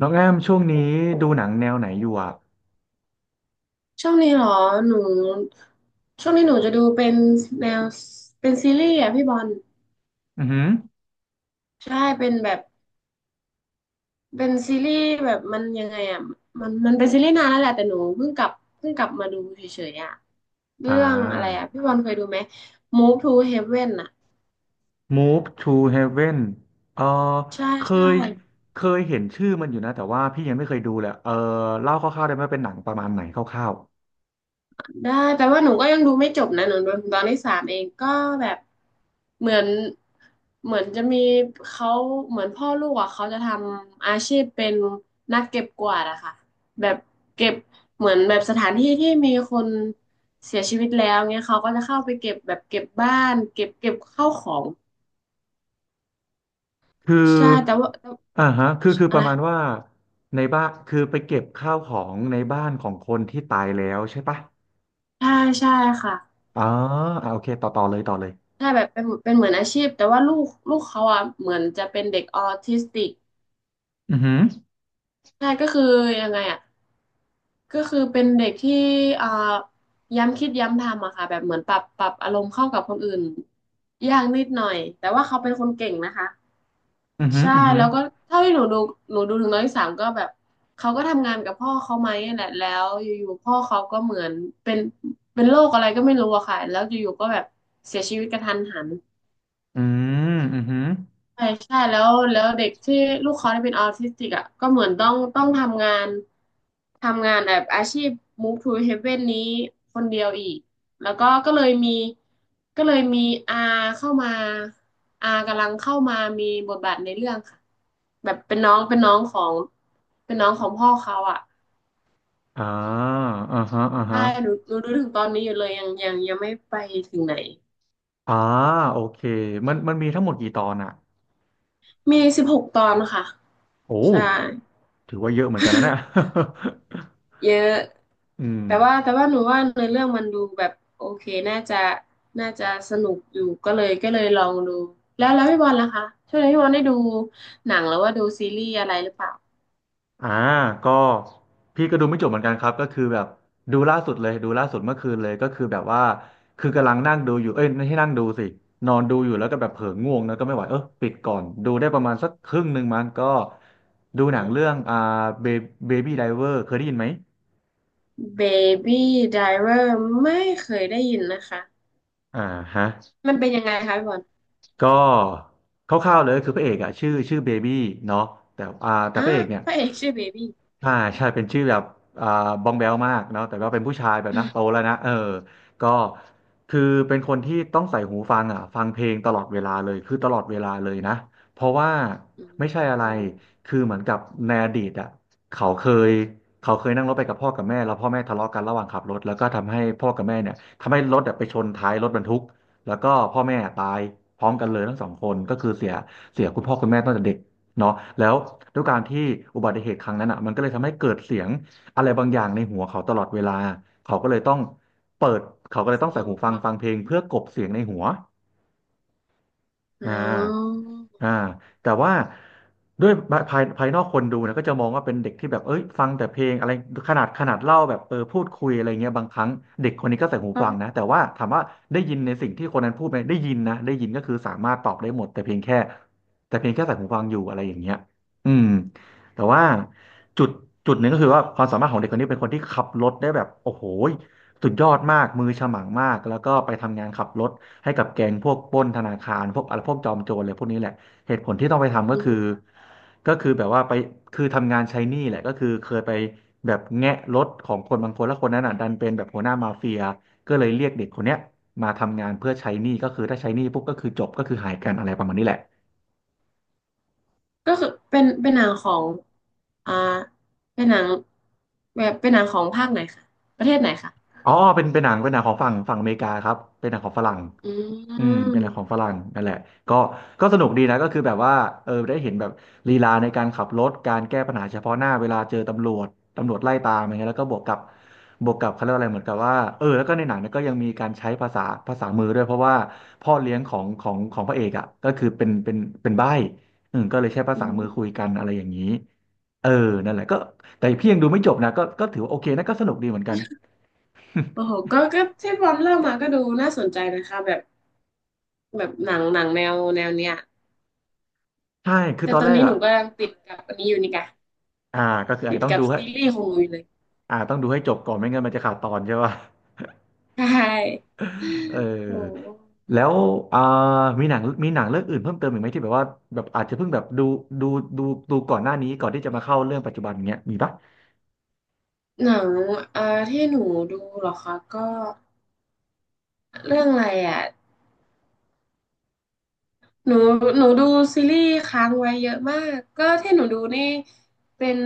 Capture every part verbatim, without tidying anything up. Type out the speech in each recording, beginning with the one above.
น้องแอมช่วงนี้ดูหนังแนวไหนอยู่อ่ะช่วงนี้เหรอหนูช่วงนี้หนูจะดูเป็นแนวเป็นซีรีส์อ่ะพี่บอลอือหือใช่เป็นแบบเป็นซีรีส์แบบมันยังไงอ่ะมันมันเป็นซีรีส์นานแล้วแหละแต่หนูเพิ่งกลับเพิ่งกลับมาดูเฉยๆอ่ะอ่เรื่องอะไรอ่ะา พี่บอลเคยดูไหม Move to Heaven อ่ะ Move to Heaven เออใช่เคใช่ ยเคยเห็นชื่อมันอยู่นะแต่ว่าพี่ยังไม่เคยดูเลยเออเล่าคร่าวๆได้ไหมเป็นหนังประมาณไหนคร่าวได้แปลว่าหนูก็ยังดูไม่จบนะหนูดูถึงตอนที่สามเองก็แบบเหมือนเหมือนจะมีเขาเหมือนพ่อลูกอ่ะเขาจะทำอาชีพเป็นนักเก็บกวาดอะค่ะแบบเก็บเหมือนแบบสถานที่ที่มีคนเสียชีวิตแล้วเงี้ยเขาก็จะเข้าไปเก็บแบบเก็บบ้านเก็บเก็บข้าวของๆคือใช่แต่ว่าแต่อ่าฮะคือคือปอะไรระมาณว่าในบ้านคือไปเก็บข้าวของในบ้านของคนที่ตายแล้วใช่ปะใช่ใช่ค่ะอ๋ออ่าโอเคต่อต่อเลยต่อเลยใช่แบบเป็นเป็นเหมือนอาชีพแต่ว่าลูกลูกเขาอ่ะเหมือนจะเป็นเด็กออทิสติกอือหือใช่ก็คือยังไงอ่ะ ก็คือเป็นเด็กที่อ่าย้ำคิดย้ำทำอะค่ะแบบเหมือนปรับปรับอารมณ์เข้ากับคนอื่นยากนิดหน่อยแต่ว่าเขาเป็นคนเก่งนะคะอือหือใช่อือหือแล้วก็เท่าที่หนูดูหนูดูถึงน้องที่สามก็แบบเขาก็ทำงานกับพ่อเขาไหมนั่นแหละแล้วอยู่ๆพ่อเขาก็เหมือนเป็นเป็นโรคอะไรก็ไม่รู้อะค่ะแล้วอยู่ๆก็แบบเสียชีวิตกระทันหัน อืมอือหือใช่ใช่แล้วแล้วเด็กที่ลูกเขาที่เป็นออทิสติกอ่ะก็เหมือนต้องต้องทำงานทำงานแบบอาชีพ Move to Heaven นี้คนเดียวอีกแล้วก็ก็เลยมีก็เลยมีอาเข้ามาอากำลังเข้ามามีบทบาทในเรื่องค่ะแบบเป็นน้องเป็นน้องของเป็นน้องของพ่อเขาอ่ะอ่าอ่าฮะอ่าใช่ฮะ หนูหนูดูถึงตอนนี้อยู่เลยยังยังยังไม่ไปถึงไหนอ่าโอเคมันมันมีทั้งหมดกี่ตอนอ่ะมีสิบหกตอนค่ะโอ้ใช่ถือว่าเยอะเหมือนกันนะเนี่ย เยอะ อืมแต่ว่าแต่ว่าหนูว่าเนื้อเรื่องมันดูแบบโอเคน่าจะน่าจะสนุกอยู่ก็เลยก็เลยลองดูแล้วแล้วพี่บอลล่ะคะช่วงนี้พี่บอลได้ดูหนังหรือว่าดูซีรีส์อะไรหรือเปล่า อ่าก็พี่ก็ดูไม่จบเหมือนกันครับก็คือแบบดูล่าสุดเลยดูล่าสุดเมื่อคืนเลยก็คือแบบว่าคือกำลังนั่งดูอยู่เอ้ยไม่ใช่นั่งดูสินอนดูอยู่แล้วก็แบบเผลอง่วงแล้วก็ไม่ไหวเออปิดก่อนดูได้ประมาณสักครึ่งหนึ่งมันก็ดูหนังเรื่องอ่าเบบี้ไดเวอร์เคยได้ยินไหม Baby Driver ไม่เคยได้ยินนะคะอ่าฮะ มันเป็นยังไงคะพี่บอลก็คร่าวๆเลยคือพระเอกอะชื่อชื่อเบบี้เนาะแต่อ่าแต่อ่ะพระเอกเนี่ยพระเอกชื่อเบบี้อ่าใช่เป็นชื่อแบบอ่าบองแบลมากเนาะแต่ว่าเป็นผู้ชายแบบนะโตแล้วนะเออก็คือเป็นคนที่ต้องใส่หูฟังอ่ะฟังเพลงตลอดเวลาเลยคือตลอดเวลาเลยนะเพราะว่าอืมไม่ใช่อะอืไรมคือเหมือนกับในอดีตอ่ะเขาเคยเขาเคยนั่งรถไปกับพ่อกับแม่แล้วพ่อแม่ทะเลาะกันระหว่างขับรถแล้วก็ทำให้พ่อกับแม่เนี่ยทำให้รถอะไปชนท้ายรถบรรทุก แล้วก็พ่อแม่ตายพร้อมกันเลยทั้งสองคนก็คือเสียเสียคุณพ่อคุณแม่ตั้งแต่เด็กเนาะแล้วด้วยการที่อุบัติเหตุครั้งนั้นอ่ะมันก็เลยทำให้เกิดเสียงอะไรบางอย่างในหัวเขาตลอดเวลาเขาก็เลยต้องเปิดเขาก็เลยต้องใส่ฟังหูฟังฟังฟังเพลงเพื่อกลบเสียงในหัวอ๋อ่า ออ่าแต่ว่าด้วยภายภายนอกคนดูนะก็จะมองว่าเป็นเด็กที่แบบเอ้ยฟังแต่เพลงอะไรขนาดขนาดเล่าแบบเออพูดคุยอะไรเงี้ยบางครั้งเด็กคนนี้ก็ใส่หูฟังก็นะแต่ว่าถามว่าได้ยินในสิ่งที่คนนั้นพูดไหมได้ยินนะได้ยินก็คือสามารถตอบได้หมดแต่เพียงแค่แต่เพียงแค่ใส่หูฟังอยู่อะไรอย่างเงี้ยอืมแต่ว่าจุดจุดหนึ่งก็คือว่าความสามารถของเด็กคนนี้เป็นคนที่ขับรถได้แบบโอ้โหสุดยอดมากมือฉมังมากแล้วก็ไปทำงานขับรถให้กับแก๊งพวกปล้นธนาคารพวกอะไรพวกจอมโจรอะไรพวกนี้แหละ เหตุผลที่ต้องไปทำอืก็คือมก็คือแบบว่าไปคือทำงานใช้หนี้แหละก็คือเคยไปแบบแงะรถของคนบางคนแล้วคนนั้นอ่ะดันเป็นแบบหัวหน้ามาเฟียก็เลยเรียกเด็กคนเนี้ยมาทำงานเพื่อใช้หนี้ก็คือถ้าใช้หนี้ปุ๊บก็คือจบก็คือหายกันอะไรประมาณนี้แหละ ก็คือเป็นเป็นหนังของอ่าเป็นหนังแบบเป็นหนังของภาคไหนคะประเทศไหนคะ อ๋อเป็นเป็นหนังเป็นหนังของฝั่งฝั่งอเมริกาครับเป็นหนังของฝรั่งอือืมมเป็นหนังของฝรั่งนั่นแหละก็ก็สนุกดีนะก็คือแบบว่าเออได้เห็นแบบลีลาในการขับรถการแก้ปัญหาเฉพาะหน้าเวลาเจอตำรวจตำรวจไล่ตามอะไรเงี้ยแล้วก็บวกกับบวกกับเขาเรียกว่าอะไรเหมือนกับว่าเออแล้วก็ในหนังเนี่ยก็ยังมีการใช้ภาษาภาษามือด้วยเพราะว่าพ่อเลี้ยงของของของพระเอกอ่ะก็คือเป็นเป็นเป็นใบ้อืมก็เลยใช้ภาอืษามือคุม ยกันอะไรอย่างนี้เออนั่นแหละก็แต่พี่ยังดูไม่จบนะก็ก็ถือว่าโอเคนะก็สนุกดีเหมือนกัน โอ้โหก็ก็ที่บอลเล่ามาก็ดูน่าสนใจนะคะแบบแบบหนังหนังแนวแนวเนี้ยใช่คือแต่ตอนตอแรนกนี้หนูอ่ะก็ยังติดกับอันนี้อยู่นี่ค่ะอ่าก็คืออาจติดจะต้องกัดูบให้ซีรีส์ของหนูอยู่เลยอ่าต้องดูให้จบก่อนไม่งั้นมันจะขาดตอนใช่ป่ะ ใช่ เอโอ้อแล้วอ่ามีหนังมีหนังเรื่องอื่นเพิ่มเติมอีกไหมที่แบบว่าแบบอาจจะเพิ่งแบบดูดูดูดูก่อนหน้านี้ก่อนที่จะมาเข้าเรื่องปัจจุบันเงี้ยมีปะหนังเอ่อที่หนูดูเหรอคะก็เรื่องอะไรอ่ะหนูหนูดูซีรีส์ค้างไว้เยอะมาก ก็ที่หนูดูนี่ เป็น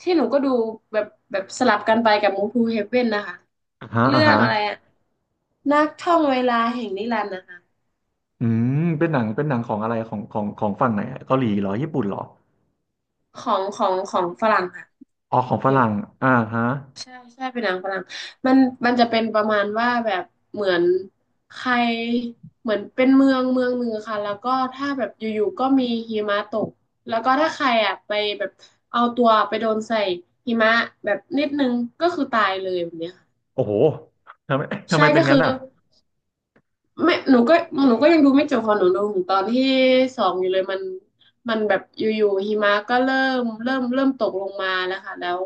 ที่หนูก็ดูแบบแบบสลับกันไปกับมู v ูเฮเว่นนะคะอ่าฮะเรื่อ่าองฮะอะไรอะ นักท่องเวลาแห่งนิรันดร์นะคะอืมเป็นหนังเป็นหนังของอะไรของของของฝั่งไหนอะเกาหลีเหรอญี่ปุ่นเหรอของของของฝรั่งค่ะอ๋อขอโองฝเครั่งอ่าฮะใช่ใช่เป็นหนังฝรั่งมันมันจะเป็นประมาณว่าแบบเหมือนใครเหมือนเป็นเมืองเมืองหนึ่งค่ะแล้วก็ถ้าแบบอยู่ๆก็มีหิมะตกแล้วก็ถ้าใครอ่ะไปแบบเอาตัวไปโดนใส่หิมะแบบนิดนึงก็คือตายเลยแบบเนี้ยค่ะโอ้โหทำไม ทำใช่ไมเป็นก็งั้คืนอ อ่ะไม่หนูก็หนูก็ยังดูไม่จบพอหนูดูถึงตอนที่สองอยู่เลยมันมันแบบอยู่ๆหิมะก็เริ่มเริ่มเริ่มตกลงมาแล้วค่ะแล้ว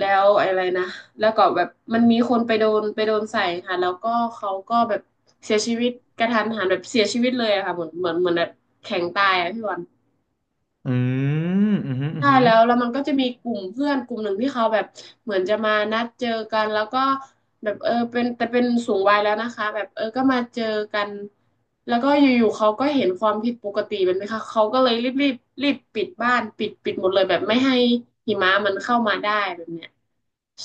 แล้วอะไรนะแล้วก็แบบมันมีคนไปโดนไปโดนใส่ค่ะ แล้วก็เขาก็แบบเสียชีวิตกระทันหันแบบเสียชีวิตเลยอะค่ะเหมือนเหมือนเหมือนแบบแข็งตายอะพี่วัน อืมอืมอหืมออืมใช่อหือแล้วแล้วมันก็จะมีกลุ่มเพื่อนกลุ่มหนึ่งที่เขาแบบเหมือนจะมานัดเจอกันแล้วก็แบบเออเป็นแต่เป็นสูงวัยแล้วนะคะแบบเออก็มาเจอกันแล้วก็อยู่ๆเขาก็เห็นความผิดปกติแบบนไห้ค่ะเขาก็เลยรีบรีบรีบปิดบ้านปิดปิดหมดเลยแบบไม่ให้หิมะมันเข้ามาได้แบบเนี้ย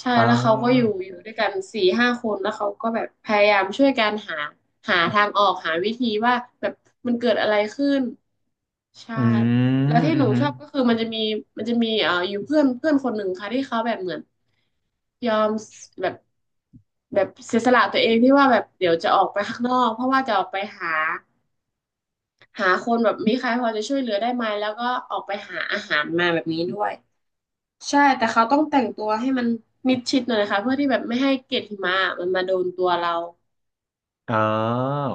ใช่อ่แล้วเขาก็อยู่าอยู่ด้วยกันสี่ห้าคนแล้วเขาก็แบบพยายามช่วยกันหาหาทางออกหาวิธีว่าแบบมันเกิดอะไรขึ้น ใช่อืแล้วมที่อืหนูม ชอบก็คือมันจะมีมันจะมีเอ่ออยู่เพื่อนเพื่อนคนหนึ่งค่ะที่เขาแบบเหมือนยอมแบบแบบเสียสละตัวเองที่ว่าแบบเดี๋ยวจะออกไปข้างนอกเพราะว่าจะออกไปหาหาคนแบบมีใครพอจะช่วยเหลือได้ไหมแล้วก็ออกไปหาอาหารมาแบบนี้ด้วยใช่แต่เขาต้องแต่งตัวให้มันมิดชิดหน่อยนะคะเพื่อที่แบบไม่ให้เกล็ดหิมะมันมาโดนตัวเราอ่า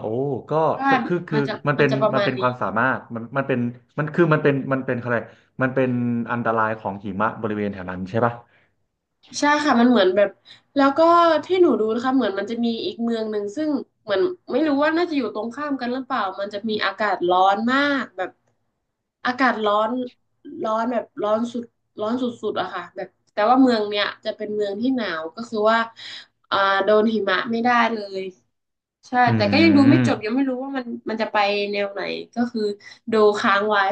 โอ้ก็ใช่คือคือมันจะมันมัเป็นนจะประมันมาณเป็นคนี้ วามสามารถมันมันเป็นมันคือมันเป็นมันเป็นอะไรมันเป็นอันตรายของหิมะบริเวณแถวนั้นใช่ปะใช่ค่ะมันเหมือนแบบแล้วก็ที่หนูดูนะคะเหมือนมันจะมีอีกเมืองหนึ่งซึ่งเหมือนไม่รู้ว่าน่าจะอยู่ตรงข้ามกันหรือเปล่ามันจะมีอากาศร้อนมากแบบอากาศร้อนร้อนแบบร้อนสุดร้อนสุดๆอะค่ะแบบแต่ว่าเมืองเนี้ยจะเป็นเมืองที่หนาวก็คือว่าอ่าโดนหิมะไม่ได้เลยใช่อืแต่ก็ยังดูไม่มจบยังไม่รู้ว่ามันมันจะไปแนวไหนก็คือดูค้างไว้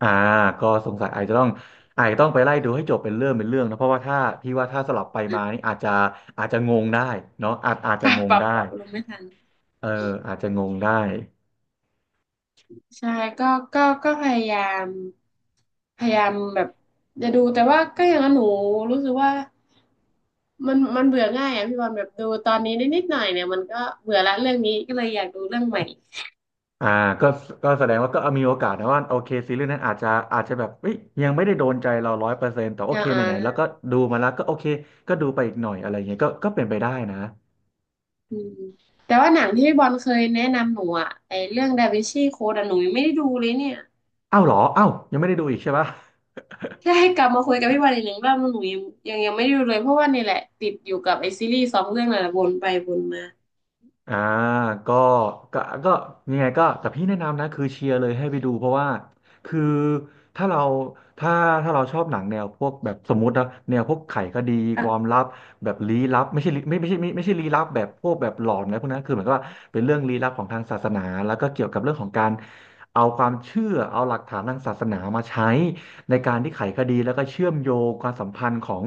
อ่าก็สงสัยอาจจะต้องอาจจะต้องไปไล่ดูให้จบเป็นเรื่องเป็นเรื่องนะเพราะว่าถ้าพี่ว่าถ้าสลับไปมานี่อาจจะอาจจะงงได้เนาะอาจอาจ ปจะรับงงปรับได้ปรับอารมณ์ไม่ทัน เอออาจจะงงได้ ใช่ก็ก็ก็พยายามพยายามแบบจะดูแต่ว่าก็อย่างนั้นหนูรู้สึกว่ามันมันเบื่อง่ายอ่ะพี่บอลแบบดูตอนนี้นิดนิดหน่อยเนี่ยมันก็เบื่อละเรื่องนี้ก็เลยอยากดูเรื่องใหม่อ่าก็ก็แสดงว่าก็มีโอกาสนะว่าโอเคซีรีส์นั้นอาจจะอาจจะแบบเอ้ยยังไม่ได้โดนใจเราร้อยเปอร์เซ็นต์แต่โออ่าเคไหอ่านๆแล้วก็ดูมาแล้วก็โอเคก็ดูไปอีกหน่อยอะไรเงี้ยก็ก็เป็นไปได้นะอืมแต่ว่าหนังที่พี่บอลเคยแนะนำหนูอ่ะไอเรื่องดาวินชีโค้ดอ่ะหนูยังไม่ได้ดูเลยเนี่ยอ้าวเหรออ้าวยังไม่ได้ดูอีกใช่ปะ แค่ให้กลับมาคุยกับพี่บอลอีกหนึ่งรอบหนูยังยังยังไม่ได้ดูเลยเพราะว่านี่แหละติดอยู่กับไอซีรีส์สองเรื่องนั่นแหละวนไปวนมาอ่าก็ก็ก็ยังไงก็แต่พี่แนะนำนะคือเชียร์เลยให้ไปดูเพราะว่าคือถ้าเราถ้าถ้าเราชอบหนังแนวพวกแบบสมมตินะแนวพวกไขคดีความอ่ะ ลับแบบลี้ลับไม่ใช่ลี้ไม่ไม่ใช่ไม่ไม่ใช่ลี้ลับแบบพวกแบบหลอนนะไรพวกนั้นคือเหมือนกับว่าเป็นเรื่องลี้ลับของทางศาสนาแล้วก็เกี่ยวกับเรื่องของการเอาความเชื่อเอาหลักฐานทางศาสนามาใช้ในการที่ไขคดีแล้วก็เชื่อมโยงความสัมพันธ์ของ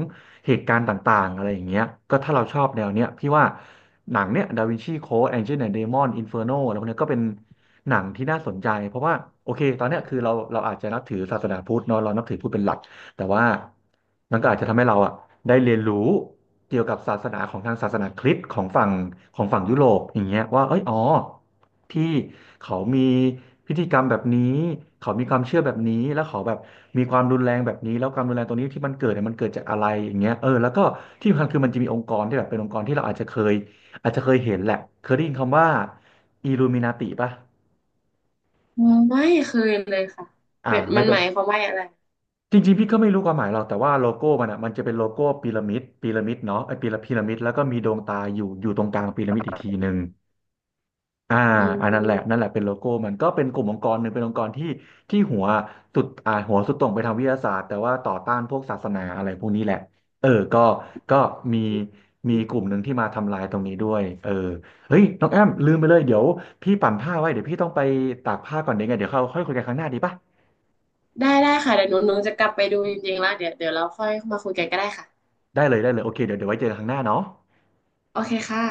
เหตุการณ์ต่างๆอะไรอย่างเงี้ยก็ถ้าเราชอบแนวเนี้ยพี่ว่าหนังเนี้ยดาวินชีโค้ดแองเจิลแอนด์เดมอนอินเฟอร์โนอะไรพวกเนี้ยก็เป็นหนังที่น่าสนใจเพราะว่าโอเคตอนเนี้ยคือเราเราอาจจะนับถือศาสนาพุทธเนาะเรานับถือพุทธเป็นหลัก แต่ว่ามันก็อาจจะทำให้เราอ่ะได้เรียนรู้เกี่ยวกับศาสนาของทางศาสนาคริสต์ของฝั่งของฝั่งยุโรปอย่างเงี้ยว่าเอ้ยอ๋อที่เขามีพิธีกรรมแบบนี้เขามีความเชื่อแบบนี้แล้วเขาแบบมีความรุนแรงแบบนี้แล้วความรุนแรงตรงนี้ที่มันเกิดเนี่ยมันเกิดจากอะไรอย่างเงี้ยเออแล้วก็ที่สำคัญคือมันจะมีองค์กรที่แบบเป็นองค์กรที่เราอาจจะเคยอาจจะเคยเห็นแหละเคยได้ยินคำว่าอ l l u มิ n า t ิป่ะอ๋อไม่เคยเลยค่ะอ่าเป็นไม่มันเป็หน มายความว่าอะไรจริงๆพี่ก็ไม่รู้ความหมายหรอกแต่ว่าโลโก้มันอ่ะมันจะเป็นโลโก้พีระมิดพีระมิดเนาะไอ้พีระพีระมิดแล้วก็มีดวงตาอยู่อยู่ตรงกลางพีระมิดอีกทีหนึ่งอ่าอือันนั้นแหละนั่นแหมละเป็นโลโก้มันก็เป็นกลุ่มองค์กรหนึ่งเป็นองค์กรที่ที่หัวสุดอ่าหัวสุดตรงไปทางวิทยาศาสตร์แต่ว่าต่อต้านพวกศาสนาอะไรพวกนี้แหละเออก็ก็มีมีกลุ่มหนึ่งที่มาทำลายตรงนี้ด้วยเออเฮ้ยน้องแอมลืมไปเลยเดี๋ยวพี่ปั่นผ้าไว้เดี๋ยวพี่ต้องไปตากผ้าก่อนเดี๋ยวไงเดี๋ยวเขาค่อยคุยกันครั้งหน้าดีป่ะได้ได้ค่ะเดี๋ยวหนูหนูจะกลับไปดูจริงๆแล้วเดี๋ยวเดี๋ยวเราค่อยมาคุยกันก็ได้ค่ะได้เลยได้เลยโอเคเดี๋ยวเดี๋ยวไว้เจอกันครั้งหน้าเนาะโอเคค่ะ